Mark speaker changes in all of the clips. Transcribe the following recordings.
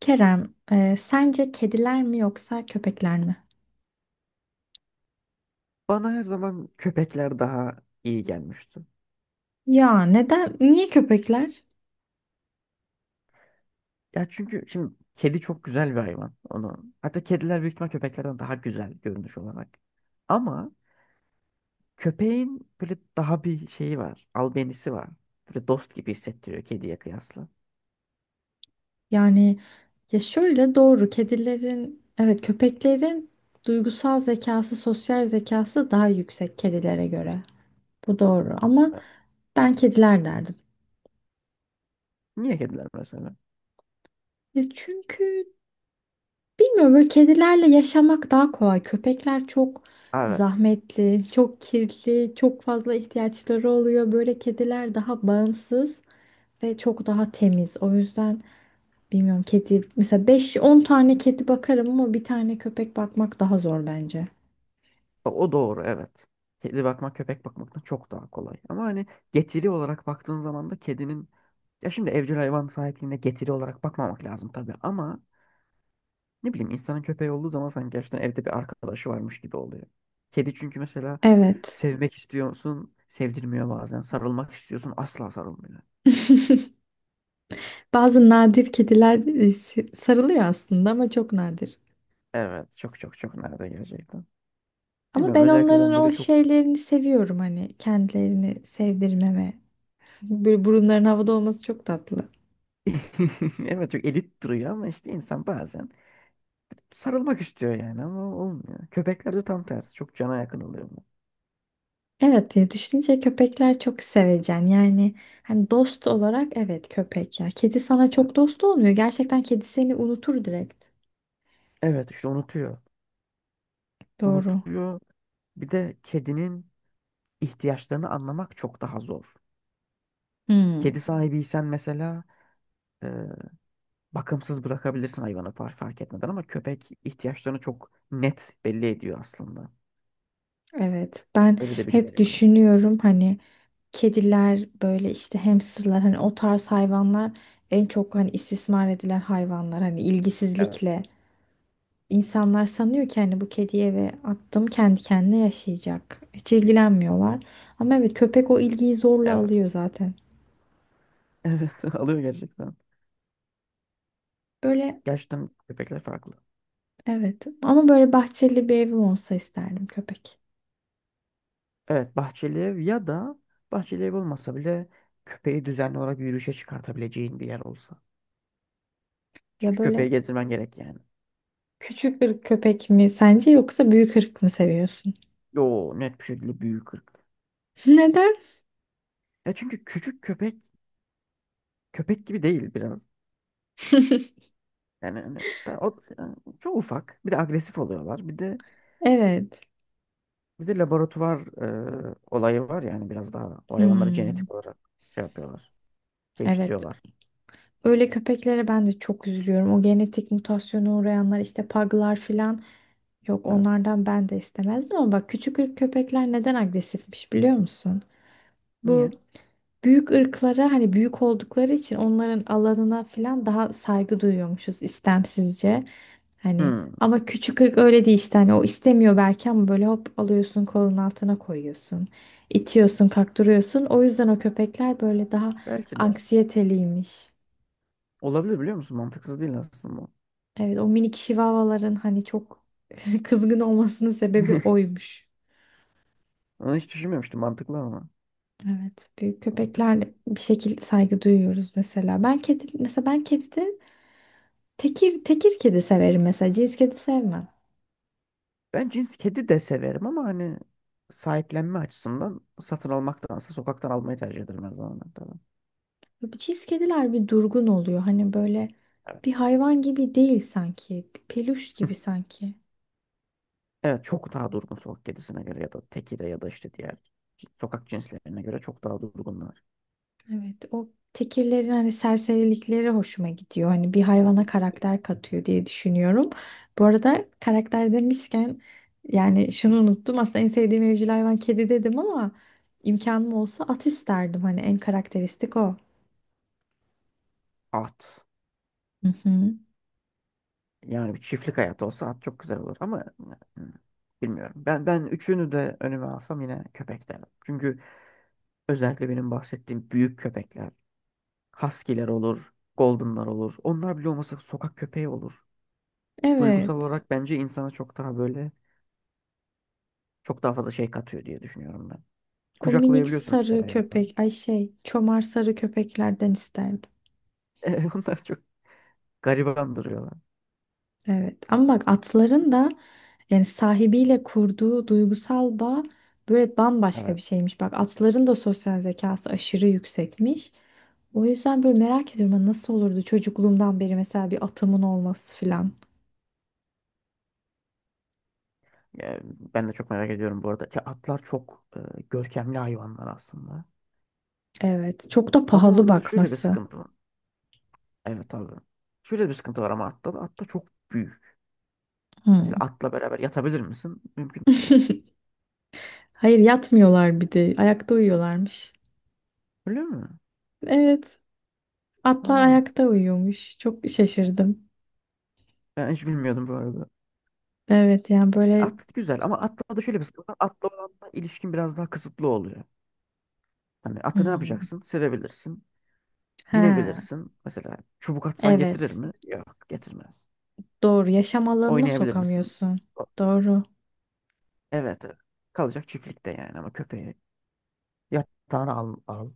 Speaker 1: Kerem, sence kediler mi yoksa köpekler mi?
Speaker 2: Bana her zaman köpekler daha iyi gelmişti.
Speaker 1: Ya neden? Niye köpekler?
Speaker 2: Ya çünkü şimdi kedi çok güzel bir hayvan. Onu hatta kediler büyük ihtimal köpeklerden daha güzel görünüş olarak. Ama köpeğin böyle daha bir şeyi var. Albenisi var. Böyle dost gibi hissettiriyor kediye kıyasla.
Speaker 1: Yani Ya şöyle doğru kedilerin, evet, köpeklerin duygusal zekası, sosyal zekası daha yüksek kedilere göre. Bu doğru ama ben kediler derdim.
Speaker 2: Niye kediler mesela?
Speaker 1: Ya çünkü bilmiyorum, böyle kedilerle yaşamak daha kolay. Köpekler çok
Speaker 2: Evet.
Speaker 1: zahmetli, çok kirli, çok fazla ihtiyaçları oluyor. Böyle kediler daha bağımsız ve çok daha temiz. O yüzden bilmiyorum, kedi mesela 5-10 tane kedi bakarım ama bir tane köpek bakmak daha zor bence.
Speaker 2: O doğru, evet. Kedi bakmak köpek bakmaktan çok daha kolay. Ama hani getiri olarak baktığın zaman da kedinin, ya şimdi evcil hayvan sahipliğine getiri olarak bakmamak lazım tabii, ama ne bileyim, insanın köpeği olduğu zaman sanki gerçekten evde bir arkadaşı varmış gibi oluyor. Kedi çünkü mesela
Speaker 1: Evet.
Speaker 2: sevmek istiyorsun, sevdirmiyor bazen. Sarılmak istiyorsun, asla sarılmıyor.
Speaker 1: Bazı nadir kediler, sarılıyor aslında ama çok nadir.
Speaker 2: Evet, çok çok çok, nerede gerçekten.
Speaker 1: Ama
Speaker 2: Bilmiyorum,
Speaker 1: ben
Speaker 2: özellikle
Speaker 1: onların
Speaker 2: ben
Speaker 1: o
Speaker 2: böyle çok…
Speaker 1: şeylerini seviyorum, hani kendilerini sevdirmeme. Böyle burunların havada olması çok tatlı.
Speaker 2: Evet, çok elit duruyor ama işte insan bazen sarılmak istiyor yani, ama olmuyor. Köpeklerde tam tersi, çok cana yakın oluyor bu.
Speaker 1: Evet, diye düşününce köpekler çok sevecen. Yani hani dost olarak evet, köpek ya. Kedi sana
Speaker 2: Evet.
Speaker 1: çok dost olmuyor. Gerçekten kedi seni unutur direkt.
Speaker 2: Evet işte, unutuyor.
Speaker 1: Doğru.
Speaker 2: Unutuyor. Bir de kedinin ihtiyaçlarını anlamak çok daha zor.
Speaker 1: Hmm,
Speaker 2: Kedi sahibiysen mesela bakımsız bırakabilirsin hayvanı, fark etmeden, ama köpek ihtiyaçlarını çok net belli ediyor aslında.
Speaker 1: evet. Ben
Speaker 2: Öyle de bir güzel
Speaker 1: hep
Speaker 2: yanı var.
Speaker 1: düşünüyorum, hani kediler böyle, işte hamsterlar, hani o tarz hayvanlar en çok hani istismar edilen hayvanlar, hani
Speaker 2: Evet,
Speaker 1: ilgisizlikle. İnsanlar sanıyor ki hani bu kediyi eve attım, kendi kendine yaşayacak. Hiç ilgilenmiyorlar. Ama evet, köpek o ilgiyi zorla
Speaker 2: evet.
Speaker 1: alıyor zaten.
Speaker 2: Evet, alıyor gerçekten.
Speaker 1: Böyle
Speaker 2: Gerçekten köpekler farklı.
Speaker 1: evet, ama böyle bahçeli bir evim olsa isterdim köpek.
Speaker 2: Evet, bahçeli ev ya da bahçeli ev olmasa bile köpeği düzenli olarak yürüyüşe çıkartabileceğin bir yer olsa.
Speaker 1: Ya
Speaker 2: Çünkü köpeği
Speaker 1: böyle
Speaker 2: gezdirmen gerek yani.
Speaker 1: küçük ırk köpek mi sence yoksa büyük ırk mı seviyorsun?
Speaker 2: Yo, net bir şekilde büyük ırk.
Speaker 1: Neden?
Speaker 2: Ya çünkü küçük köpek köpek gibi değil biraz. Yani, hani, yani çok ufak. Bir de agresif oluyorlar. Bir de…
Speaker 1: Evet.
Speaker 2: Bir de laboratuvar olayı var, yani biraz daha o hayvanları
Speaker 1: Hmm.
Speaker 2: genetik olarak şey yapıyorlar.
Speaker 1: Evet.
Speaker 2: Değiştiriyorlar.
Speaker 1: Öyle köpeklere ben de çok üzülüyorum. O genetik mutasyona uğrayanlar, işte paglar filan. Yok,
Speaker 2: Evet.
Speaker 1: onlardan ben de istemezdim ama bak, küçük ırk köpekler neden agresifmiş biliyor musun? Bu
Speaker 2: Niye?
Speaker 1: büyük ırklara hani, büyük oldukları için onların alanına falan daha saygı duyuyormuşuz istemsizce. Hani
Speaker 2: Hmm,
Speaker 1: ama küçük ırk öyle değil, işte hani o istemiyor belki ama böyle hop alıyorsun, kolun altına koyuyorsun. İtiyorsun kaktırıyorsun. O yüzden o köpekler böyle daha
Speaker 2: belki de.
Speaker 1: anksiyeteliymiş.
Speaker 2: Olabilir biliyor musun? Mantıksız değil aslında bu.
Speaker 1: Evet, o minik şivavaların hani çok kızgın olmasının sebebi oymuş.
Speaker 2: Onu hiç düşünmemiştim. Mantıklı ama.
Speaker 1: Evet, büyük
Speaker 2: Mantıklı.
Speaker 1: köpeklerle bir şekilde saygı duyuyoruz mesela. Ben kedi mesela, ben kedide tekir tekir kedi severim mesela. Cins kedi sevmem.
Speaker 2: Ben cins kedi de severim ama hani sahiplenme açısından satın almaktansa sokaktan almayı tercih ederim her zaman. Tabii.
Speaker 1: Bu cins kediler bir durgun oluyor. Hani böyle
Speaker 2: Evet.
Speaker 1: bir hayvan gibi değil sanki. Bir peluş gibi sanki.
Speaker 2: Evet, çok daha durgun sokak kedisine göre ya da tekire ya da işte diğer sokak cinslerine göre çok daha durgunlar.
Speaker 1: Evet, o tekirlerin hani serserilikleri hoşuma gidiyor. Hani bir hayvana karakter katıyor diye düşünüyorum. Bu arada karakter demişken, yani şunu
Speaker 2: Hı.
Speaker 1: unuttum. Aslında en sevdiğim evcil hayvan kedi dedim ama imkanım olsa at isterdim. Hani en karakteristik o.
Speaker 2: At.
Speaker 1: Hı hı.
Speaker 2: Yani bir çiftlik hayatı olsa at çok güzel olur ama hmm, bilmiyorum. Ben üçünü de önüme alsam yine köpek derim. Çünkü özellikle benim bahsettiğim büyük köpekler, husky'ler olur, golden'lar olur. Onlar bile olmasa sokak köpeği olur. Duygusal
Speaker 1: Evet.
Speaker 2: olarak bence insana çok daha böyle, çok daha fazla şey katıyor diye düşünüyorum ben.
Speaker 1: O minik
Speaker 2: Kucaklayabiliyorsun bir kere
Speaker 1: sarı
Speaker 2: hayvanı.
Speaker 1: köpek, ay şey, çomar sarı köpeklerden isterdim.
Speaker 2: Onlar çok gariban duruyorlar.
Speaker 1: Evet ama bak, atların da yani sahibiyle kurduğu duygusal bağ böyle bambaşka bir
Speaker 2: Evet.
Speaker 1: şeymiş. Bak, atların da sosyal zekası aşırı yüksekmiş. O yüzden böyle merak ediyorum, hani nasıl olurdu çocukluğumdan beri mesela bir atımın olması filan.
Speaker 2: Yani ben de çok merak ediyorum bu arada ki atlar çok görkemli hayvanlar aslında.
Speaker 1: Evet, çok da
Speaker 2: Ama
Speaker 1: pahalı
Speaker 2: orada da şöyle bir
Speaker 1: bakması.
Speaker 2: sıkıntı var. Evet abi. Şöyle bir sıkıntı var ama atta da. Atta çok büyük. Mesela
Speaker 1: Hmm.
Speaker 2: atla beraber yatabilir misin? Mümkün değil.
Speaker 1: Hayır, yatmıyorlar, bir de ayakta uyuyorlarmış.
Speaker 2: Öyle mi?
Speaker 1: Evet, atlar
Speaker 2: Aa,
Speaker 1: ayakta uyuyormuş. Çok şaşırdım.
Speaker 2: ben hiç bilmiyordum bu arada.
Speaker 1: Evet yani
Speaker 2: İşte
Speaker 1: böyle
Speaker 2: at güzel ama atla da şöyle bir sıkıntı var. Atla olan da ilişkin biraz daha kısıtlı oluyor. Hani atı ne
Speaker 1: hmm.
Speaker 2: yapacaksın? Sevebilirsin.
Speaker 1: Ha
Speaker 2: Binebilirsin. Mesela çubuk atsan getirir
Speaker 1: evet.
Speaker 2: mi? Yok, getirmez.
Speaker 1: Doğru. Yaşam alanına
Speaker 2: Oynayabilir misin?
Speaker 1: sokamıyorsun.
Speaker 2: O-
Speaker 1: Doğru.
Speaker 2: Evet, evet. Kalacak çiftlikte yani, ama köpeği yatağına al, al.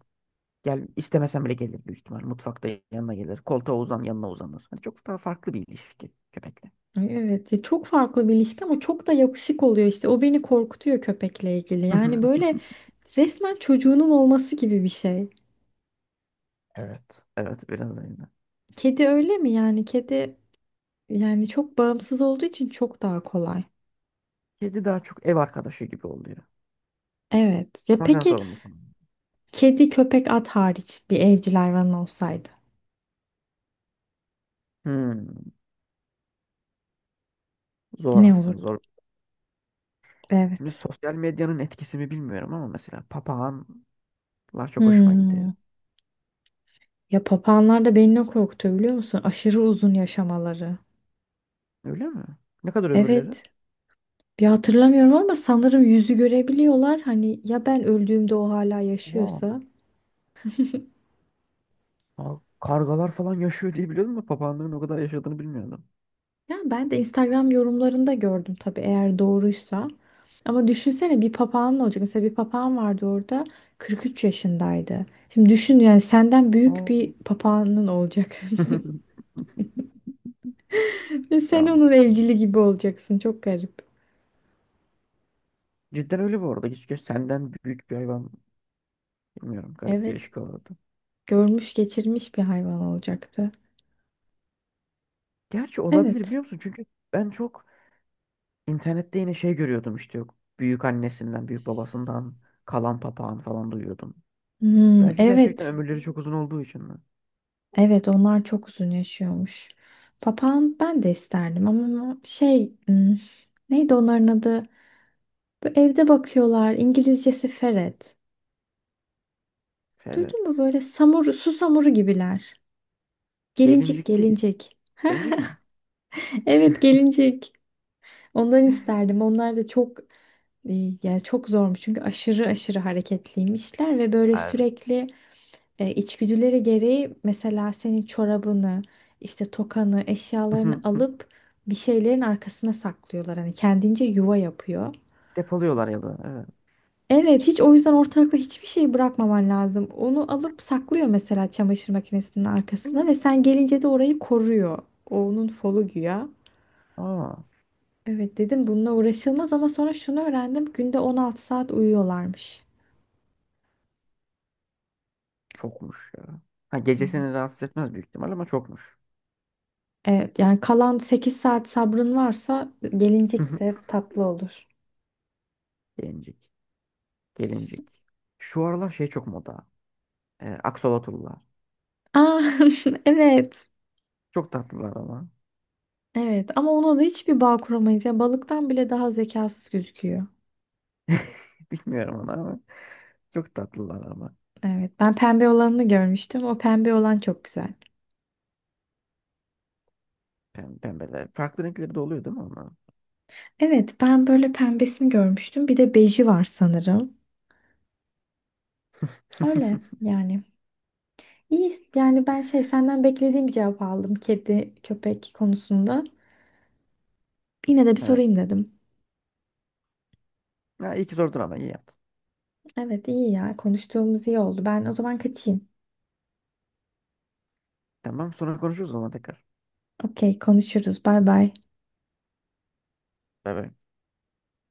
Speaker 2: Gel istemesen bile gelir büyük ihtimal. Mutfakta yanına gelir. Koltuğa uzan, yanına uzanır. Hani çok daha farklı bir ilişki köpekle.
Speaker 1: Ay, evet. Ya çok farklı bir ilişki ama çok da yapışık oluyor işte. O beni korkutuyor köpekle ilgili. Yani böyle resmen çocuğunun olması gibi bir şey.
Speaker 2: Evet. Evet biraz öyle.
Speaker 1: Kedi öyle mi yani? Kedi yani çok bağımsız olduğu için çok daha kolay.
Speaker 2: Kedi daha çok ev arkadaşı gibi oluyor.
Speaker 1: Evet. Ya
Speaker 2: Ama sen
Speaker 1: peki
Speaker 2: sorumlusun.
Speaker 1: kedi, köpek, at hariç bir evcil hayvanın olsaydı
Speaker 2: Hmm, zor
Speaker 1: ne
Speaker 2: aslında,
Speaker 1: olurdu?
Speaker 2: zor. Şimdi
Speaker 1: Evet.
Speaker 2: sosyal medyanın etkisi mi bilmiyorum, ama mesela papağanlar çok hoşuma gidiyor.
Speaker 1: Hmm. Ya papağanlar da beni ne korkutuyor biliyor musun? Aşırı uzun yaşamaları.
Speaker 2: Öyle mi? Ne kadar ömürleri?
Speaker 1: Evet. Bir hatırlamıyorum ama sanırım yüzü görebiliyorlar. Hani ya ben öldüğümde o hala
Speaker 2: Aa,
Speaker 1: yaşıyorsa.
Speaker 2: aa, kargalar falan yaşıyor diye biliyordum da papağanların o kadar yaşadığını bilmiyordum.
Speaker 1: Ya ben de Instagram yorumlarında gördüm tabii, eğer doğruysa. Ama düşünsene, bir papağan ne olacak? Mesela bir papağan vardı orada, 43 yaşındaydı. Şimdi düşün yani, senden büyük bir
Speaker 2: Aa.
Speaker 1: papağanın olacak. Ve sen
Speaker 2: Tamam.
Speaker 1: onun evcili gibi olacaksın. Çok garip.
Speaker 2: Cidden öyle bu arada. Keşke senden büyük bir hayvan… Bilmiyorum, garip bir
Speaker 1: Evet,
Speaker 2: ilişki olurdu.
Speaker 1: görmüş geçirmiş bir hayvan olacaktı.
Speaker 2: Gerçi olabilir biliyor
Speaker 1: Evet.
Speaker 2: musun? Çünkü ben çok internette yine şey görüyordum işte, yok, büyük annesinden, büyük babasından kalan papağan falan duyuyordum.
Speaker 1: Hmm,
Speaker 2: Belki gerçekten
Speaker 1: evet.
Speaker 2: ömürleri çok uzun olduğu için mi?
Speaker 1: Evet, onlar çok uzun yaşıyormuş. Papağan ben de isterdim ama şey, hmm, neydi onların adı? Bu evde bakıyorlar. İngilizcesi ferret. Duydun mu,
Speaker 2: Ferret.
Speaker 1: böyle samur, su samuru gibiler. Gelincik,
Speaker 2: Gelincik değil.
Speaker 1: gelincik.
Speaker 2: Gelincik mi?
Speaker 1: Evet, gelincik. Ondan isterdim. Onlar da çok, e, yani çok zormuş çünkü aşırı aşırı hareketliymişler ve böyle
Speaker 2: Aa, evet.
Speaker 1: sürekli içgüdüleri gereği mesela senin çorabını, işte tokanı, eşyalarını alıp bir şeylerin arkasına saklıyorlar. Hani kendince yuva yapıyor.
Speaker 2: Depoluyorlar ya da, evet.
Speaker 1: Evet, hiç o yüzden ortalıkta hiçbir şey bırakmaman lazım. Onu alıp saklıyor mesela çamaşır makinesinin arkasına ve sen gelince de orayı koruyor. O onun folu güya.
Speaker 2: Aa,
Speaker 1: Evet dedim, bununla uğraşılmaz, ama sonra şunu öğrendim. Günde 16 saat uyuyorlarmış.
Speaker 2: çokmuş ya. Ha, gece seni
Speaker 1: Evet.
Speaker 2: rahatsız etmez büyük ihtimal ama çokmuş.
Speaker 1: Evet yani kalan 8 saat sabrın varsa gelincik de tatlı olur.
Speaker 2: Gelincik. Gelincik. Şu aralar şey çok moda. Aksolotlular.
Speaker 1: Aa, evet.
Speaker 2: Çok tatlılar ama.
Speaker 1: Evet ama ona da hiçbir bağ kuramayız. Ya balıktan bile daha zekasız gözüküyor.
Speaker 2: Bilmiyorum onu ama. Çok tatlılar ama.
Speaker 1: Evet, ben pembe olanını görmüştüm. O pembe olan çok güzel.
Speaker 2: Pem pembeler. Farklı renkleri de oluyor değil mi ama?
Speaker 1: Evet, ben böyle pembesini görmüştüm. Bir de beji var sanırım. Öyle yani. İyi, yani ben şey, senden beklediğim bir cevap aldım kedi köpek konusunda. Yine de bir
Speaker 2: Evet.
Speaker 1: sorayım dedim.
Speaker 2: Ha, iyi ki sordun ama, iyi yaptın.
Speaker 1: Evet, iyi ya, konuştuğumuz iyi oldu. Ben o zaman kaçayım.
Speaker 2: Tamam, sonra konuşuruz o zaman tekrar.
Speaker 1: Okey, konuşuruz. Bay bay.
Speaker 2: Bay